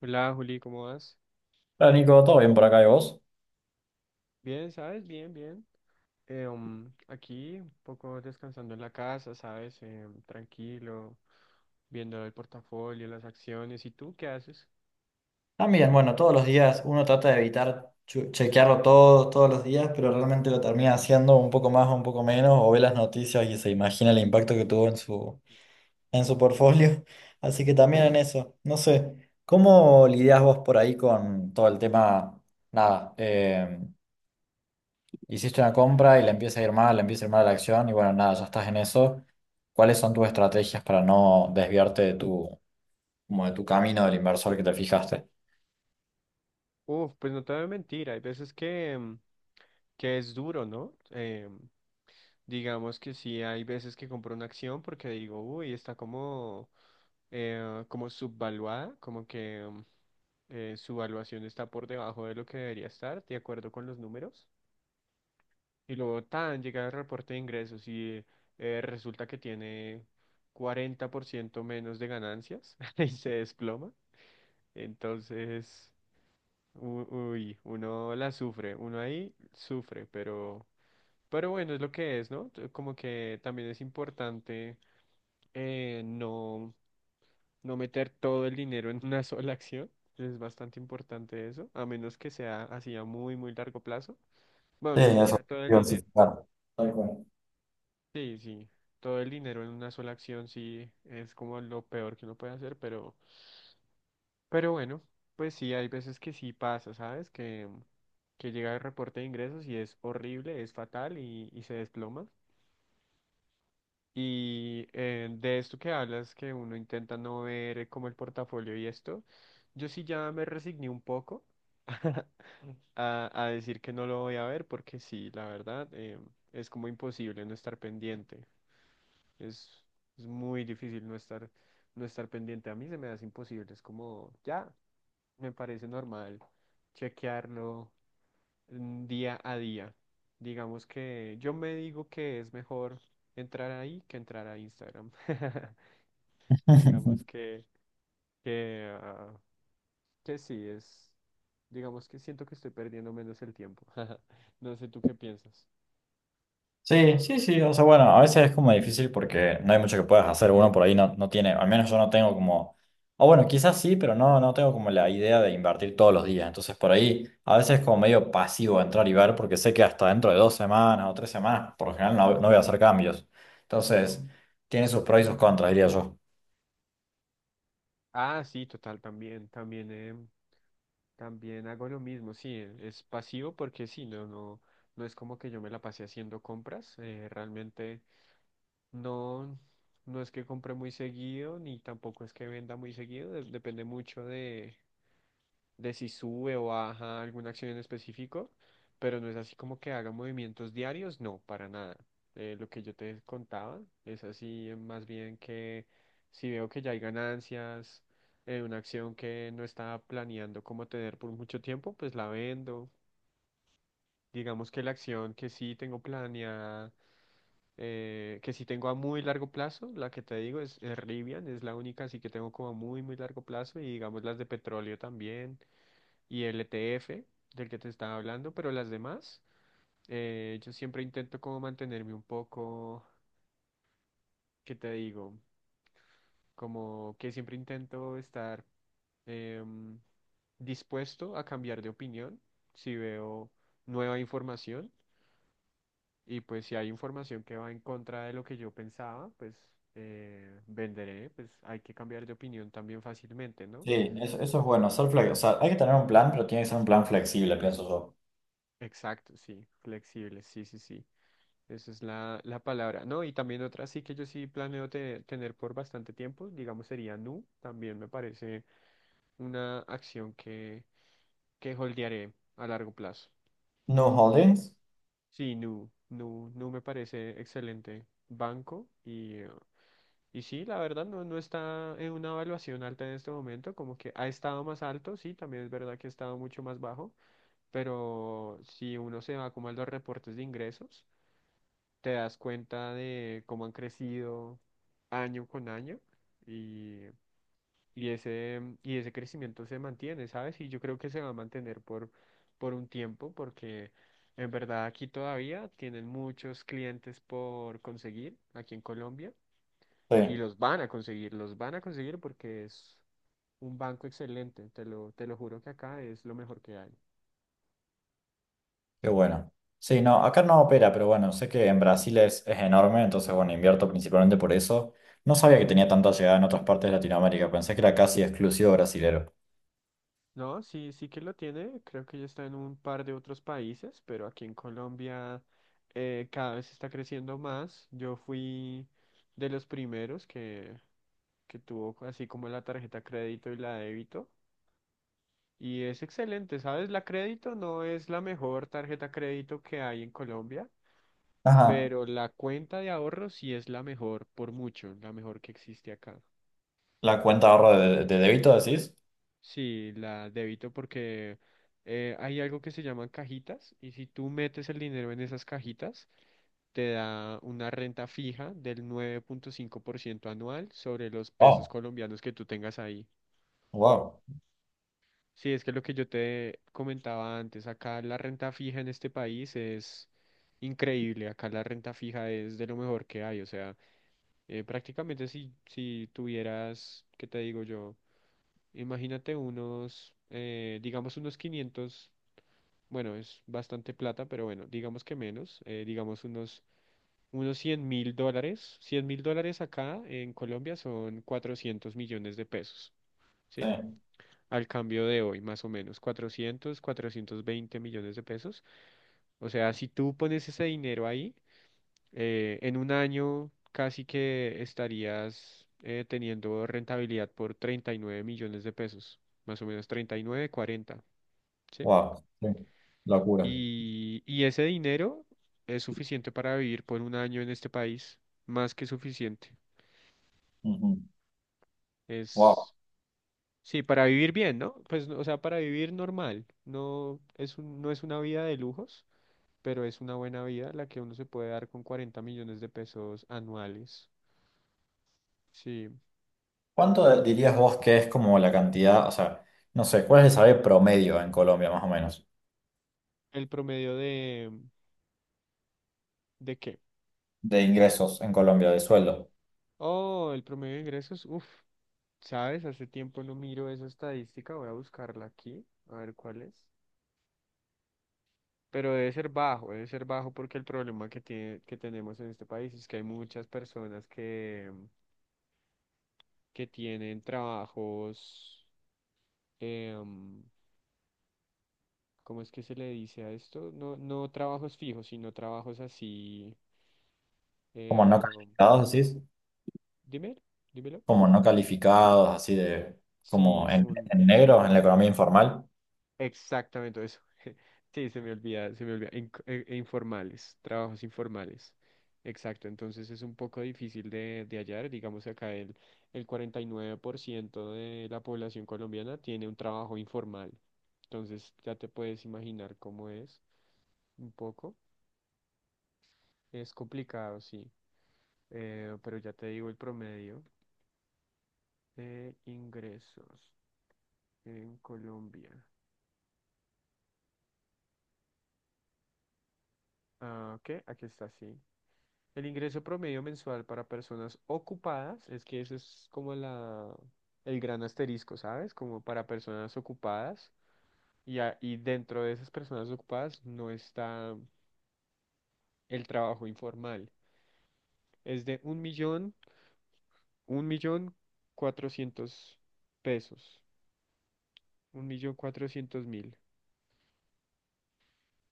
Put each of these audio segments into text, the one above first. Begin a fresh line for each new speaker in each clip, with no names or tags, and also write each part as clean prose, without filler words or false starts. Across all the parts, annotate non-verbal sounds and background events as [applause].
Hola Juli, ¿cómo vas?
Hola Nico, ¿todo bien por acá de vos?
Bien, ¿sabes? Bien, bien. Aquí un poco descansando en la casa, ¿sabes? Tranquilo, viendo el portafolio, las acciones. ¿Y tú qué haces?
También, bueno, todos los días uno trata de evitar chequearlo todo, todos los días, pero realmente lo termina haciendo un poco más o un poco menos, o ve las noticias y se imagina el impacto que tuvo en en su portfolio. [laughs] Así que también en eso, no sé, ¿cómo lidias vos por ahí con todo el tema? Nada, hiciste una compra y le empieza a ir mal, le empieza a ir mal la acción y bueno, nada, ya estás en eso. ¿Cuáles son tus estrategias para no desviarte de como de tu camino del inversor que te fijaste?
Uf, pues no te voy a mentir, hay veces que es duro, ¿no? Digamos que sí, hay veces que compro una acción porque digo, uy, está como subvaluada, como que su valuación está por debajo de lo que debería estar, de acuerdo con los números. Y luego tan llega el reporte de ingresos y resulta que tiene 40% menos de ganancias [laughs] y se desploma. Entonces, uy, uno la sufre, uno ahí sufre, pero, bueno, es lo que es, ¿no? Como que también es importante eh, no, no meter todo el dinero en una [laughs] sola acción. Es bastante importante eso, a menos que sea así a muy, muy largo plazo. Bueno,
Sí,
ni siquiera
eso,
todo el dinero.
diversificar. Tal cual.
Sí, sí, todo el dinero en una sola acción sí es como lo peor que uno puede hacer, pero bueno, pues sí, hay veces que sí pasa, ¿sabes? Que llega el reporte de ingresos y es horrible, es fatal y se desploma. Y de esto que hablas, que uno intenta no ver como el portafolio y esto, yo sí ya me resigné un poco a decir que no lo voy a ver porque sí, la verdad, es como imposible no estar pendiente. Es, es muy difícil no estar pendiente. A mí se me hace imposible. Es como, ya, me parece normal chequearlo día a día. Digamos que yo me digo que es mejor entrar ahí que entrar a Instagram. [laughs] Digamos
[laughs]
que, ah, que sí, digamos que siento que estoy perdiendo menos el tiempo. [laughs] No sé tú qué piensas.
Sí, sí, sí, o sea, bueno, a veces es como difícil porque no hay mucho que puedas hacer, uno por ahí no tiene, al menos yo no tengo como, o bueno, quizás sí, pero no tengo como la idea de invertir todos los días, entonces por ahí a veces es como medio pasivo entrar y ver porque sé que hasta dentro de 2 semanas o 3 semanas, por lo general no voy a hacer cambios, entonces tiene sus pros y sus contras, diría yo.
Ah, sí, total, también, también. También hago lo mismo, sí, es pasivo porque sí, no es como que yo me la pasé haciendo compras, realmente no, no es que compre muy seguido, ni tampoco es que venda muy seguido, depende mucho de si sube o baja alguna acción en específico, pero no es así como que haga movimientos diarios, no, para nada. Lo que yo te contaba es así más bien que si veo que ya hay ganancias en una acción que no estaba planeando como tener por mucho tiempo, pues la vendo. Digamos que la acción que sí tengo planeada, que sí tengo a muy largo plazo, la que te digo es Rivian, es la única así que tengo como a muy, muy largo plazo y digamos las de petróleo también y el ETF del que te estaba hablando, pero las demás, yo siempre intento como mantenerme un poco, ¿qué te digo? Como que siempre intento estar em, dispuesto a cambiar de opinión si veo nueva información y pues si hay información que va en contra de lo que yo pensaba, pues venderé, pues hay que cambiar de opinión también fácilmente, ¿no?
Sí, eso es bueno, ser flexible, o sea, hay que tener un plan, pero tiene que ser un plan flexible, pienso yo.
Exacto, sí, flexible, sí, sí, sí. Esa es la palabra, ¿no? Y también otra sí que yo sí planeo tener por bastante tiempo, digamos sería Nu, también me parece una acción que holdearé a largo plazo.
¿No holdings?
Sí, Nu me parece excelente banco y sí, la verdad no está en una evaluación alta en este momento, como que ha estado más alto, sí, también es verdad que ha estado mucho más bajo, pero si uno se va como a los reportes de ingresos, te das cuenta de cómo han crecido año con año y, y ese crecimiento se mantiene, ¿sabes? Y yo creo que se va a mantener por, un tiempo porque en verdad aquí todavía tienen muchos clientes por conseguir, aquí en Colombia, y
Sí.
los van a conseguir, los van a conseguir porque es un banco excelente, te lo juro que acá es lo mejor que hay.
Qué bueno. Sí, no, acá no opera, pero bueno, sé que en Brasil es enorme, entonces bueno, invierto principalmente por eso. No sabía que tenía tanta llegada en otras partes de Latinoamérica, pensé que era casi exclusivo brasilero.
No, sí, sí que lo tiene. Creo que ya está en un par de otros países, pero aquí en Colombia cada vez está creciendo más. Yo fui de los primeros que tuvo así como la tarjeta crédito y la débito. Y es excelente, ¿sabes? La crédito no es la mejor tarjeta crédito que hay en Colombia,
Ajá.
pero la cuenta de ahorro sí es la mejor por mucho, la mejor que existe acá.
¿La cuenta de ahorro de débito decís?
Sí, la débito porque hay algo que se llaman cajitas y si tú metes el dinero en esas cajitas, te da una renta fija del 9,5% anual sobre los pesos
Wow,
colombianos que tú tengas ahí.
wow,
Sí, es que lo que yo te comentaba antes, acá la renta fija en este país es increíble, acá la renta fija es de lo mejor que hay, o sea, prácticamente si tuvieras, ¿qué te digo yo? Imagínate unos, digamos unos 500. Bueno, es bastante plata, pero bueno, digamos que menos, digamos unos 100.000 dólares. 100.000 dólares acá en Colombia son 400 millones de pesos,
sí,
¿sí? Al cambio de hoy, más o menos, cuatrocientos 420 millones de pesos. O sea, si tú pones ese dinero ahí, en un año casi que estarías teniendo rentabilidad por 39 millones de pesos, más o menos 39, 40, ¿sí?
wow, sí, locura.
Y ese dinero es suficiente para vivir por un año en este país, más que suficiente.
Ujú. Wow.
Es, sí, para vivir bien, ¿no? Pues, o sea, para vivir normal. No es una vida de lujos, pero es una buena vida la que uno se puede dar con 40 millones de pesos anuales. Sí.
¿Cuánto dirías vos que es como la cantidad, o sea, no sé, cuál es el salario promedio en Colombia más o menos,
El promedio ¿de qué?
de ingresos en Colombia, de sueldo?
Oh, el promedio de ingresos. Uf, ¿sabes? Hace tiempo no miro esa estadística. Voy a buscarla aquí, a ver cuál es. Pero debe ser bajo porque el problema que tiene, que tenemos en este país es que hay muchas personas que tienen trabajos, em, ¿cómo es que se le dice a esto? No, no trabajos fijos, sino trabajos así.
¿Como no
em,
calificados decís?
dime, dímelo.
Como no calificados, así de como
Sí, como,
en negro, en la economía informal.
exactamente eso. [laughs] Sí, se me olvida, se me olvida. E informales, trabajos informales. Exacto, entonces es un poco difícil de hallar. Digamos acá el 49% de la población colombiana tiene un trabajo informal. Entonces ya te puedes imaginar cómo es un poco. Es complicado, sí. Pero ya te digo el promedio de ingresos en Colombia. Ah, ok, aquí está, sí. El ingreso promedio mensual para personas ocupadas, es que eso es como la, el gran asterisco, ¿sabes? Como para personas ocupadas y dentro de esas personas ocupadas no está el trabajo informal. Es de un millón cuatrocientos pesos, un millón cuatrocientos mil.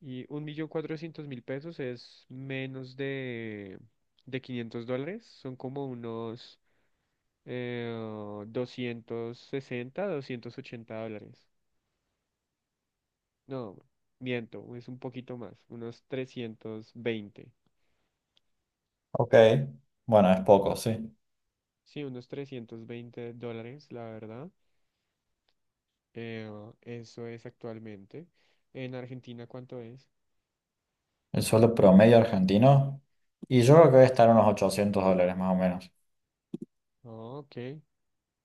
Y 1.400.000 pesos es menos de 500 dólares, son como unos 260, 280 dólares. No, miento, es un poquito más, unos 320.
Ok, bueno, es poco, sí.
Sí, unos 320 dólares, la verdad. Eh, eso es actualmente. En Argentina, ¿cuánto es?
El sueldo promedio argentino, y yo creo que debe estar en unos $800 más o menos.
Ah, ok,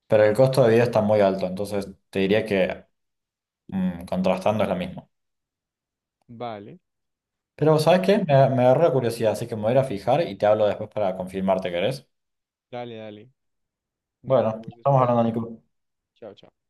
Pero el costo de vida está muy alto, entonces te diría que mm, contrastando es lo mismo.
vale.
Pero
Ok,
¿sabes qué? Me agarró la curiosidad, así que me voy a ir a fijar y te hablo después para confirmarte, ¿querés?
dale, dale. Nos
Bueno,
vemos
estamos
después.
hablando, Nico.
Chao, chao.